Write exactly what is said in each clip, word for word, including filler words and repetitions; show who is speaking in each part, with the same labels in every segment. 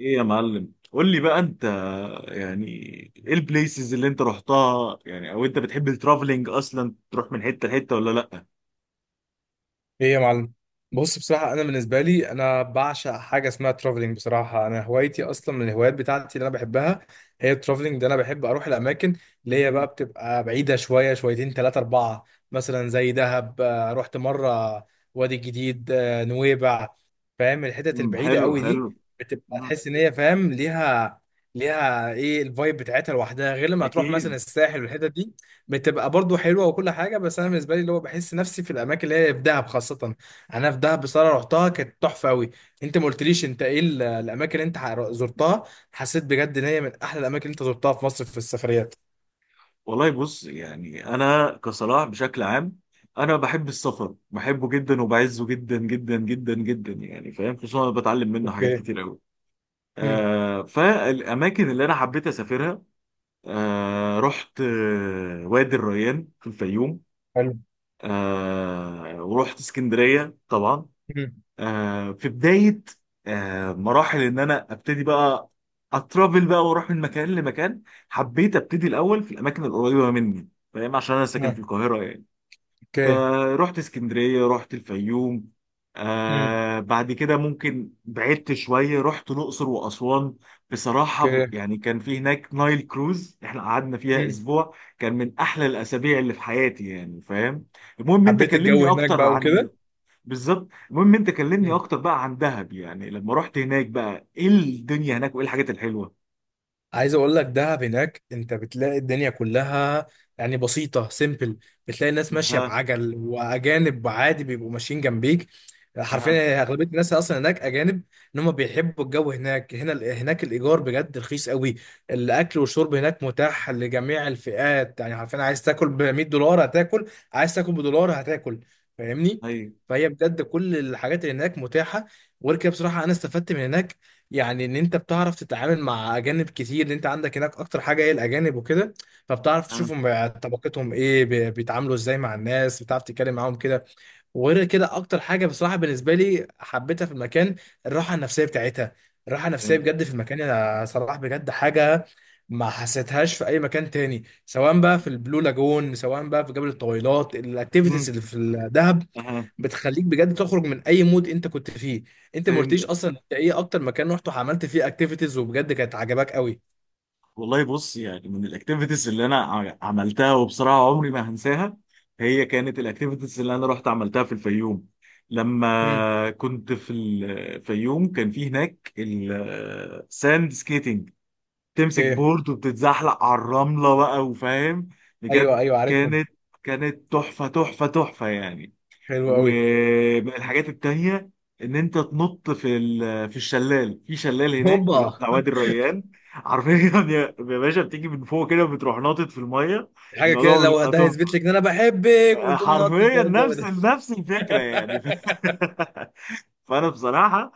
Speaker 1: ايه يا معلم، قول لي بقى انت يعني ايه البليسز اللي انت رحتها؟ يعني او انت بتحب الترافلينج اصلا تروح من حته لحته ولا لا؟
Speaker 2: ايه يا معلم. بص، بصراحة أنا بالنسبة لي أنا بعشق حاجة اسمها ترافلينج. بصراحة أنا هوايتي أصلا من الهوايات بتاعتي اللي أنا بحبها هي الترافلينج. ده أنا بحب أروح الأماكن اللي هي بقى
Speaker 1: مهم.
Speaker 2: بتبقى بعيدة، شوية شويتين تلاتة أربعة، مثلا زي دهب. آه، رحت مرة وادي الجديد، آه، نويبع. فاهم؟ الحتت
Speaker 1: امم،
Speaker 2: البعيدة
Speaker 1: حلو
Speaker 2: قوي دي
Speaker 1: حلو.
Speaker 2: بتبقى
Speaker 1: امم.
Speaker 2: تحس إن هي فاهم ليها. ليها إيه الفايب بتاعتها لوحدها غير لما تروح مثلا
Speaker 1: اكيد.
Speaker 2: الساحل والحتت دي. بتبقى برضو حلوه وكل حاجه، بس انا بالنسبه لي اللي هو بحس نفسي في الاماكن اللي هي في دهب خاصه. انا في دهب بصراحه رحتها، كانت تحفه قوي. انت ما قلتليش انت ايه ال- الاماكن اللي انت ح- زرتها. حسيت بجد ان هي من احلى الاماكن اللي انت زرتها في مصر في السفريات.
Speaker 1: والله بص، يعني انا كصلاح بشكل عام انا بحب السفر، بحبه جدا وبعزه جدا جدا جدا جدا، يعني فاهم، خصوصا انا بتعلم منه حاجات
Speaker 2: اوكي.
Speaker 1: كتير قوي.
Speaker 2: امم
Speaker 1: آه، فالاماكن اللي انا حبيت اسافرها، آه، رحت آه، وادي الريان في الفيوم،
Speaker 2: حلو.
Speaker 1: آه، ورحت اسكندرية طبعا،
Speaker 2: امم
Speaker 1: آه، في بداية آه مراحل ان انا ابتدي بقى اترافل بقى واروح من مكان لمكان. حبيت ابتدي الاول في الاماكن القريبة مني، فاهم، عشان انا ساكن
Speaker 2: آه.
Speaker 1: في القاهرة.
Speaker 2: اوكي.
Speaker 1: فرحت اسكندرية، رحت الفيوم،
Speaker 2: امم
Speaker 1: آه، بعد كده ممكن بعدت شوية رحت الأقصر وأسوان. بصراحة
Speaker 2: اوكي.
Speaker 1: يعني كان في هناك نايل كروز، احنا قعدنا فيها
Speaker 2: امم
Speaker 1: أسبوع، كان من أحلى الأسابيع اللي في حياتي، يعني فاهم. المهم أنت
Speaker 2: حبيت
Speaker 1: كلمني
Speaker 2: الجو هناك
Speaker 1: أكتر
Speaker 2: بقى
Speaker 1: عن،
Speaker 2: وكده.
Speaker 1: بالظبط، المهم أنت كلمني أكتر بقى عن دهب، يعني لما رحت هناك بقى إيه الدنيا هناك وإيه الحاجات الحلوة؟
Speaker 2: عايز اقول لك دهب هناك انت بتلاقي الدنيا كلها. يعني بسيطة سيمبل. بتلاقي الناس ماشية
Speaker 1: أها.
Speaker 2: بعجل واجانب عادي بيبقوا ماشيين جنبيك.
Speaker 1: أها.
Speaker 2: حرفيا اغلبية الناس اصلا هناك اجانب. ان هم بيحبوا الجو هناك، هنا هناك الايجار بجد رخيص قوي. الاكل والشرب هناك متاح لجميع الفئات، يعني حرفيا عايز تاكل ب مية دولار هتاكل، عايز تاكل بدولار هتاكل. فاهمني؟
Speaker 1: أيوه.
Speaker 2: فهي بجد كل الحاجات اللي هناك متاحة. وغير كده بصراحة انا استفدت من هناك، يعني ان انت بتعرف تتعامل مع اجانب كتير، ان انت عندك هناك اكتر حاجه هي الاجانب وكده. فبتعرف
Speaker 1: أها.
Speaker 2: تشوفهم بقى طبقتهم ايه، بي- بيتعاملوا ازاي مع الناس، بتعرف تتكلم معاهم كده. وغير كده اكتر حاجه بصراحه بالنسبه لي حبيتها في المكان، الراحه النفسيه بتاعتها. الراحه النفسيه
Speaker 1: فهمتك.
Speaker 2: بجد في المكان يا صلاح بجد حاجه ما حسيتهاش في اي مكان تاني، سواء بقى في البلو لاجون، سواء بقى في جبل الطويلات.
Speaker 1: أمم،
Speaker 2: الاكتيفيتيز اللي في الدهب
Speaker 1: أها.
Speaker 2: بتخليك بجد تخرج من اي مود انت كنت فيه. انت ما قلتليش
Speaker 1: فهمتك.
Speaker 2: اصلا انت ايه اكتر مكان رحت وعملت فيه اكتيفيتيز وبجد كانت عجباك قوي؟
Speaker 1: والله بص، يعني من الاكتيفيتيز اللي انا ع- عملتها وبصراحه عمري ما هنساها، هي كانت الاكتيفيتيز اللي انا رحت عملتها في الفيوم.
Speaker 2: امم
Speaker 1: لما كنت في الفيوم كان في هناك الساند سكيتنج، تمسك
Speaker 2: اوكي.
Speaker 1: بورد وبتتزحلق على الرمله بقى، وفاهم،
Speaker 2: ايوه
Speaker 1: بجد
Speaker 2: ايوه عارفهم.
Speaker 1: كانت، كانت تحفه تحفه تحفه يعني.
Speaker 2: حلو قوي.
Speaker 1: ومن الحاجات التانية ان انت تنط في ال- في الشلال، في شلال هناك اللي هو
Speaker 2: هوبا.
Speaker 1: بتاع وادي الريان حرفيا يا يا باشا، بتيجي من فوق كده بتروح ناطط في الميه.
Speaker 2: حاجه كده
Speaker 1: الموضوع
Speaker 2: لو
Speaker 1: بيبقى
Speaker 2: ده
Speaker 1: تحفه.
Speaker 2: هيثبت لك ان انا بحبك،
Speaker 1: آه،
Speaker 2: وبتقوم ناطط
Speaker 1: حرفيا
Speaker 2: بقى الجو
Speaker 1: نفس
Speaker 2: ده.
Speaker 1: نفس الفكره يعني فانا بصراحه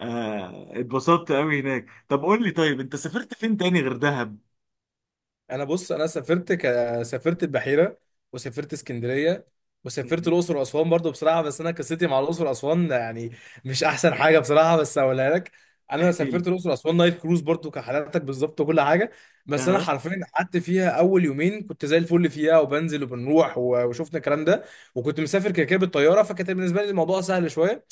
Speaker 1: آه، اتبسطت قوي هناك. طب قول لي، طيب انت سافرت فين تاني غير دهب؟
Speaker 2: انا بص، انا سافرت ك... سافرت البحيره، وسافرت اسكندريه، وسافرت
Speaker 1: مهم.
Speaker 2: الاقصر واسوان برضو بصراحه. بس انا قصتي مع الاقصر واسوان يعني مش احسن حاجه بصراحه، بس هقولها لك. انا
Speaker 1: احكي لي.
Speaker 2: سافرت الاقصر واسوان نايل كروز برضو كحالاتك بالظبط وكل حاجه. بس انا
Speaker 1: اه.
Speaker 2: حرفيا قعدت فيها اول يومين كنت زي الفل فيها، وبنزل وبنروح و- وشفنا الكلام ده. وكنت مسافر كده كده بالطياره، فكانت بالنسبه لي الموضوع سهل شويه.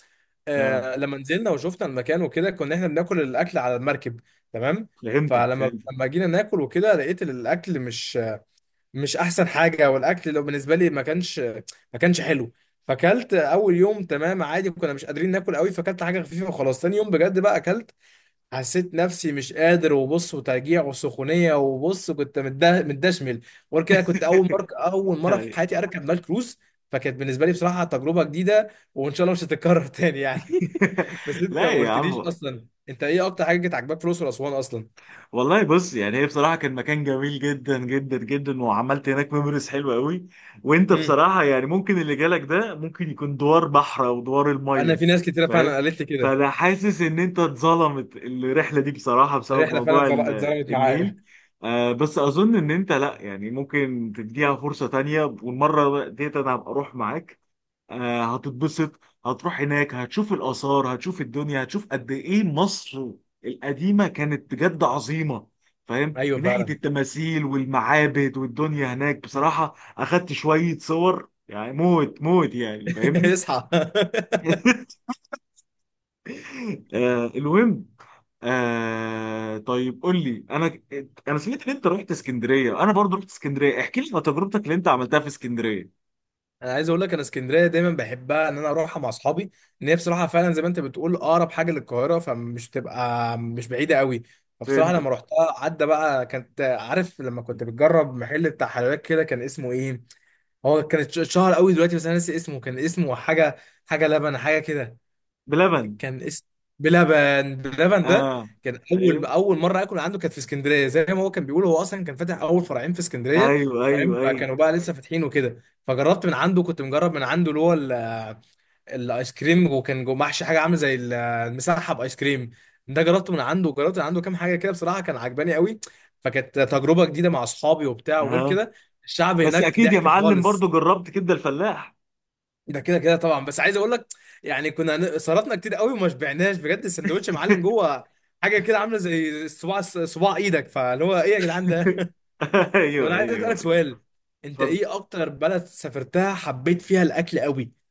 Speaker 1: اه.
Speaker 2: آه لما نزلنا وشفنا المكان وكده، كنا احنا بناكل الاكل على المركب. تمام.
Speaker 1: فهمتك
Speaker 2: فلما
Speaker 1: فهمتك.
Speaker 2: لما جينا ناكل وكده لقيت إن الاكل مش مش احسن حاجه. والاكل لو بالنسبه لي ما كانش ما كانش حلو. فاكلت اول يوم تمام عادي، كنا مش قادرين ناكل قوي، فاكلت حاجه خفيفه وخلاص. تاني يوم بجد بقى اكلت، حسيت نفسي مش قادر، وبص وترجيع وسخونيه، وبص كنت متده- متدشمل. وغير كده كنت اول مره اول مره في حياتي اركب نايل كروز، فكانت بالنسبه لي بصراحه تجربه جديده، وان شاء الله مش هتتكرر تاني يعني. بس انت
Speaker 1: لا
Speaker 2: ما
Speaker 1: يا
Speaker 2: قلتليش
Speaker 1: عم،
Speaker 2: اصلا انت ايه اكتر حاجه كانت عاجباك في الاقصر واسوان اصلا؟
Speaker 1: والله بص، يعني هي بصراحة كان مكان جميل جدا جدا جدا، وعملت هناك ميموريز حلوة قوي. وانت
Speaker 2: امم
Speaker 1: بصراحة يعني ممكن اللي جالك ده ممكن يكون دوار بحر او دوار
Speaker 2: انا
Speaker 1: المية،
Speaker 2: في ناس كتيره
Speaker 1: فاهم.
Speaker 2: فعلا قالت لي كده.
Speaker 1: فانا حاسس ان انت اتظلمت الرحلة دي بصراحة بسبب
Speaker 2: الرحله فعلا
Speaker 1: موضوع
Speaker 2: اتظل-
Speaker 1: ال-
Speaker 2: اتظلمت معايا.
Speaker 1: النيل. آه، بس اظن ان انت لا، يعني ممكن تديها فرصة تانية، والمرة ديت انا هبقى اروح معاك. آه، هتتبسط، هتروح هناك هتشوف الآثار، هتشوف الدنيا، هتشوف قد إيه مصر القديمة كانت بجد عظيمة، فاهم،
Speaker 2: ايوه
Speaker 1: من ناحية
Speaker 2: فعلا.
Speaker 1: التماثيل والمعابد، والدنيا هناك
Speaker 2: مم.
Speaker 1: بصراحة أخدت شوية صور يعني موت موت، يعني فاهمني.
Speaker 2: اصحى.
Speaker 1: آه، المهم آه، طيب قول لي انا، انا سمعت ان انت رحت اسكندريه، انا برضو رحت اسكندريه، احكي لي عن تجربتك اللي انت عملتها في اسكندريه.
Speaker 2: انا عايز اقول لك انا اسكندريه دايما بحبها ان انا اروحها مع اصحابي. ان هي بصراحه فعلا زي ما انت بتقول اقرب حاجه للقاهره، فمش بتبقى مش بعيده قوي. فبصراحه
Speaker 1: فهمتك.
Speaker 2: لما رحتها عدى بقى، كانت عارف لما كنت بتجرب محل بتاع حلويات كده كان اسمه ايه، هو كانت اتشهر قوي دلوقتي بس انا ناسي اسمه، كان اسمه حاجه، حاجه لبن حاجه كده.
Speaker 1: بلبن.
Speaker 2: كان اسم، بلبن بلبن ده
Speaker 1: اه.
Speaker 2: كان اول
Speaker 1: ايوه
Speaker 2: اول مره اكل عنده، كانت في اسكندريه. زي ما هو كان بيقول هو اصلا كان فاتح اول فرعين في اسكندريه.
Speaker 1: ايوه ايوه
Speaker 2: فاهم؟
Speaker 1: ايوه.
Speaker 2: فكانوا بقى لسه فاتحين وكده، فجربت من عنده، كنت مجرب من عنده اللي هو ال- الايس كريم، وكان جوه محشي حاجه عامله زي ال- المسحب ايس كريم. ده جربته من عنده، وجربت من عنده كام حاجه كده بصراحه كان عجباني قوي. فكانت تجربه جديده مع اصحابي وبتاع. وغير
Speaker 1: ها.
Speaker 2: كده الشعب
Speaker 1: بس
Speaker 2: هناك
Speaker 1: اكيد يا
Speaker 2: ضحك
Speaker 1: معلم
Speaker 2: خالص.
Speaker 1: برضو جربت كبده الفلاح.
Speaker 2: ده كده كده طبعا، بس عايز اقول لك، يعني كنا هن- صرفنا كتير قوي وما شبعناش. بجد السندوتش يا معلم جوه حاجه كده عامله زي صباع، صباع ايدك. فاللي هو ايه يا جدعان ده؟ طب
Speaker 1: ايوه
Speaker 2: انا عايز
Speaker 1: ايوه
Speaker 2: اسالك
Speaker 1: ايوه.
Speaker 2: سؤال، انت
Speaker 1: اتفضل.
Speaker 2: ايه اكتر بلد سافرتها حبيت فيها الاكل قوي؟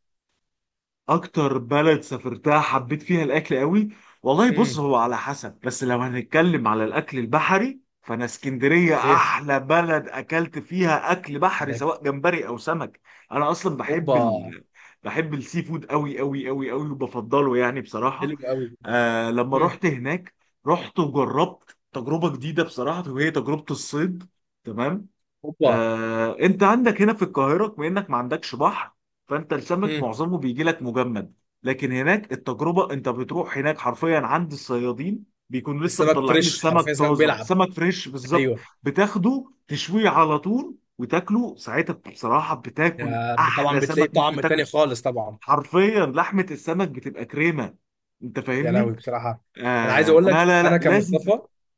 Speaker 1: اكتر بلد سافرتها حبيت فيها الاكل قوي. والله بص،
Speaker 2: امم
Speaker 1: هو على حسب، بس لو هنتكلم على الاكل البحري فانا اسكندريه
Speaker 2: اوكي.
Speaker 1: احلى بلد اكلت فيها اكل بحري،
Speaker 2: ده ك-
Speaker 1: سواء جمبري او سمك. انا اصلا بحب
Speaker 2: اوبا.
Speaker 1: ال... بحب السي فود قوي قوي قوي قوي، وبفضله يعني بصراحه.
Speaker 2: حلو قوي.
Speaker 1: آه، لما
Speaker 2: امم
Speaker 1: رحت هناك رحت وجربت تجربه جديده بصراحه، وهي تجربه الصيد. تمام.
Speaker 2: اوبا.
Speaker 1: آه، انت عندك هنا في القاهره بما انك ما عندكش بحر، فانت السمك
Speaker 2: امم
Speaker 1: معظمه بيجي لك مجمد. لكن هناك التجربه انت بتروح هناك حرفيا عند الصيادين بيكونوا لسه
Speaker 2: السمك
Speaker 1: مطلعين
Speaker 2: فريش،
Speaker 1: السمك
Speaker 2: حرفيا سمك
Speaker 1: طازه،
Speaker 2: بيلعب.
Speaker 1: سمك فريش بالظبط.
Speaker 2: ايوه.
Speaker 1: بتاخده تشويه على طول وتاكله ساعتها، بصراحه بتاكل
Speaker 2: ده
Speaker 1: احلى
Speaker 2: طبعا بتلاقيه
Speaker 1: سمك ممكن
Speaker 2: طعم تاني
Speaker 1: تاكل.
Speaker 2: خالص طبعا.
Speaker 1: حرفيا لحمه السمك بتبقى كريمه، انت
Speaker 2: يا لهوي
Speaker 1: فاهمني.
Speaker 2: بصراحه. انا عايز
Speaker 1: آه،
Speaker 2: اقول
Speaker 1: لا
Speaker 2: لك
Speaker 1: لا
Speaker 2: انا
Speaker 1: لا، لازم
Speaker 2: كمصطفى.
Speaker 1: ت...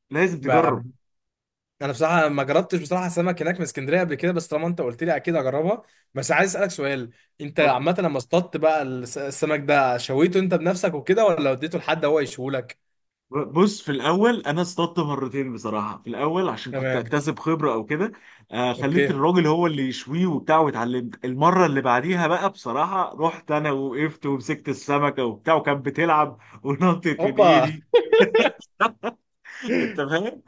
Speaker 1: لازم تجرب.
Speaker 2: ب- انا بصراحه ما جربتش بصراحه سمك هناك من اسكندريه قبل كده، بس طالما انت قلت لي اكيد اجربها. بس عايز اسالك سؤال، انت
Speaker 1: اتفضل.
Speaker 2: عامه لما اصطدت بقى الس- السمك ده شويته انت بنفسك وكده ولا وديته لحد هو يشوهولك؟
Speaker 1: بص في الاول انا اصطدت مرتين بصراحه، في الاول عشان كنت
Speaker 2: تمام.
Speaker 1: اكتسب خبره او كده. آه، خليت
Speaker 2: اوكي.
Speaker 1: الراجل هو اللي يشويه وبتاع، واتعلمت المره اللي بعديها بقى بصراحه، رحت انا وقفت ومسكت السمكه وبتاع، وكانت بتلعب ونطت من
Speaker 2: اوبا.
Speaker 1: ايدي. انت فاهم،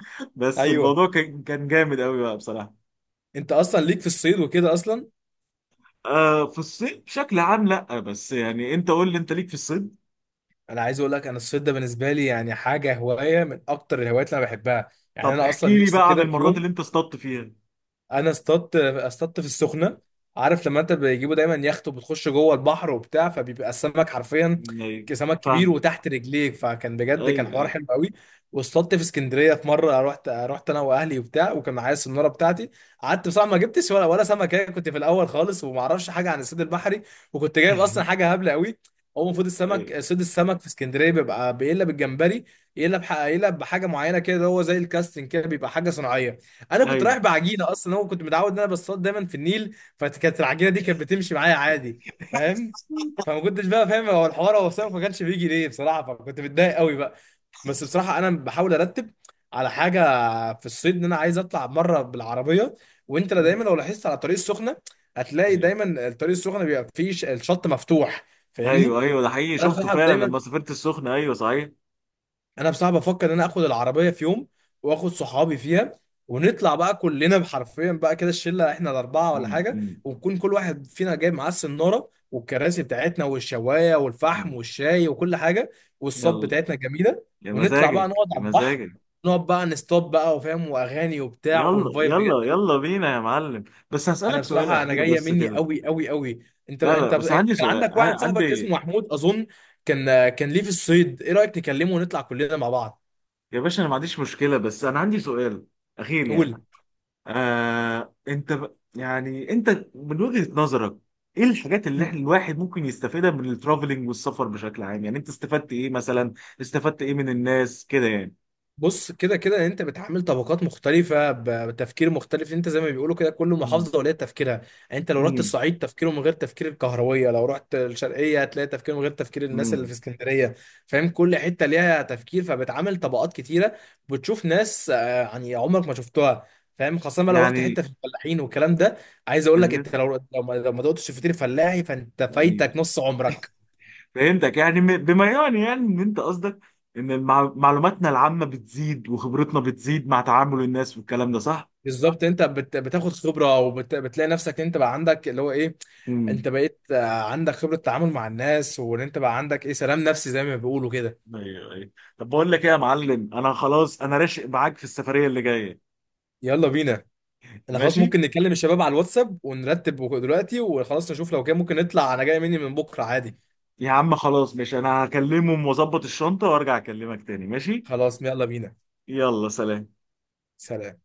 Speaker 1: بس
Speaker 2: ايوه.
Speaker 1: الموضوع كان، كان جامد قوي بقى بصراحه.
Speaker 2: انت اصلا ليك في الصيد وكده اصلا.
Speaker 1: آه، في الصيد بشكل عام لا، بس يعني انت قول لي انت ليك في الصيد.
Speaker 2: انا عايز اقول لك انا الصيد ده بالنسبه لي يعني حاجه، هوايه من اكتر الهوايات اللي انا بحبها. يعني
Speaker 1: طب
Speaker 2: انا اصلا
Speaker 1: احكي لي
Speaker 2: نفسي
Speaker 1: بقى عن
Speaker 2: كده في
Speaker 1: المرات
Speaker 2: يوم.
Speaker 1: اللي انت اصطدت فيها.
Speaker 2: انا اصطدت اصطدت في السخنه. عارف لما انت بيجيبوا دايما يخت وبتخش جوه البحر وبتاع، فبيبقى السمك حرفيا
Speaker 1: ايوه.
Speaker 2: سمك كبير
Speaker 1: فاهمك.
Speaker 2: وتحت رجليك، فكان بجد كان
Speaker 1: ايوه
Speaker 2: حوار
Speaker 1: ايوه.
Speaker 2: حلو قوي. واصطدت في اسكندريه في مره، رحت رحت انا واهلي وبتاع، وكان معايا السناره بتاعتي. قعدت بصراحه ما جبتش ولا ولا سمكه، كنت في الاول خالص وما اعرفش حاجه عن الصيد البحري. وكنت جايب اصلا حاجه هبله قوي. هو المفروض
Speaker 1: ايوه
Speaker 2: السمك، صيد السمك في اسكندريه بيبقى بيقلب الجمبري، يقلب بح- يقلب بحاجه معينه كده هو زي الكاستنج كده، بيبقى حاجه صناعيه. انا كنت رايح بعجينه اصلا، هو كنت متعود ان انا بصطاد دايما في النيل، فكانت العجينه دي كانت بتمشي معايا عادي. فاهم؟ فما كنتش بقى فاهم هو الحوار، هو السمك ما كانش بيجي ليه بصراحه، فكنت متضايق قوي بقى. بس بصراحه انا بحاول ارتب على حاجه في الصيد، ان انا عايز اطلع مره بالعربيه. وانت لا، دايما لو لاحظت على الطريق السخنه هتلاقي
Speaker 1: ايوه
Speaker 2: دايما الطريق السخنه بيبقى فيه ش- الشط مفتوح.
Speaker 1: ايوه
Speaker 2: فاهمني؟
Speaker 1: ايوه، ده حقيقي
Speaker 2: انا
Speaker 1: شفته
Speaker 2: بصراحه
Speaker 1: فعلا
Speaker 2: دايما،
Speaker 1: لما سافرت السخنه، ايوه صحيح.
Speaker 2: انا بصراحه بفكر ان انا اخد العربيه في يوم، واخد صحابي فيها، ونطلع بقى كلنا حرفيا بقى كده الشله احنا الاربعه ولا
Speaker 1: أمم،
Speaker 2: حاجه،
Speaker 1: أمم،
Speaker 2: ونكون كل واحد فينا جايب معاه السناره والكراسي بتاعتنا والشوايه والفحم
Speaker 1: أمم.
Speaker 2: والشاي وكل حاجه. والصب
Speaker 1: يلا،
Speaker 2: بتاعتنا جميله.
Speaker 1: يا
Speaker 2: ونطلع بقى
Speaker 1: مزاجك
Speaker 2: نقعد
Speaker 1: يا
Speaker 2: على البحر،
Speaker 1: مزاجك.
Speaker 2: نقعد بقى نستوب بقى وفاهم واغاني وبتاع
Speaker 1: يلا
Speaker 2: ونفايب بجد.
Speaker 1: يلا يلا بينا يا معلم. بس
Speaker 2: انا
Speaker 1: هسألك سؤال
Speaker 2: بصراحه انا
Speaker 1: اخير
Speaker 2: جايه
Speaker 1: بس
Speaker 2: مني
Speaker 1: كده.
Speaker 2: قوي قوي قوي. انت
Speaker 1: لا لا،
Speaker 2: انت
Speaker 1: بس
Speaker 2: انت
Speaker 1: عندي
Speaker 2: كان
Speaker 1: سؤال،
Speaker 2: عندك
Speaker 1: ع-
Speaker 2: واحد صاحبك اسمه
Speaker 1: عندي،
Speaker 2: محمود اظن، كان كان ليه في الصيد، ايه رايك نكلمه ونطلع كلنا مع بعض؟
Speaker 1: يا باشا انا ما عنديش مشكله، بس انا عندي سؤال اخير يعني.
Speaker 2: قول.
Speaker 1: آه، انت ب... يعني انت من وجهه نظرك، ايه الحاجات اللي احنا
Speaker 2: مم.
Speaker 1: الواحد ممكن يستفيدها من الترافلينج والسفر بشكل عام؟ يعني انت استفدت ايه مثلا؟ استفدت ايه من الناس كده يعني؟
Speaker 2: بص كده كده انت بتعامل طبقات مختلفة، ب- بتفكير مختلف. انت زي ما بيقولوا كده كل
Speaker 1: امم.
Speaker 2: محافظة وليها تفكيرها. يعني انت لو رحت
Speaker 1: امم.
Speaker 2: الصعيد تفكيره من غير تفكير الكهروية، لو رحت الشرقية هتلاقي تفكير من غير تفكير الناس اللي في
Speaker 1: امم.
Speaker 2: اسكندرية. فاهم؟ كل حتة ليها تفكير، فبتعامل طبقات كتيرة، بتشوف ناس آه، يعني عمرك ما شفتها. فاهم؟ خاصة بقى لو رحت
Speaker 1: يعني
Speaker 2: حتة في الفلاحين والكلام ده، عايز اقول لك
Speaker 1: أيوه،
Speaker 2: انت لو لو ما لو ما دقتش فطير فلاحي فانت
Speaker 1: أيوه.
Speaker 2: فايتك نص عمرك.
Speaker 1: فهمتك، يعني م- بما يعني، يعني ان انت قصدك ان المع- معلوماتنا العامه بتزيد وخبرتنا بتزيد مع تعامل الناس والكلام ده، صح؟
Speaker 2: بالظبط. انت بت... بتاخد خبره، وبتلاقي نفسك ان انت بقى عندك اللي هو ايه، انت
Speaker 1: امم.
Speaker 2: بقيت آه، عندك خبره تعامل مع الناس، وان انت بقى عندك ايه سلام نفسي زي ما بيقولوا كده.
Speaker 1: ايوه ايوه. طب بقول لك ايه يا معلم، انا خلاص انا راشق معاك في السفريه اللي جايه.
Speaker 2: يلا بينا. انا خلاص
Speaker 1: ماشي.
Speaker 2: ممكن نكلم الشباب على الواتساب ونرتب وك- دلوقتي وخلاص، نشوف لو كده ممكن نطلع. انا جاي مني من بكره عادي.
Speaker 1: يا عم خلاص، ماشي، انا هكلمهم واظبط الشنطه وارجع اكلمك تاني، ماشي.
Speaker 2: خلاص يلا بينا.
Speaker 1: يلا سلام.
Speaker 2: سلام.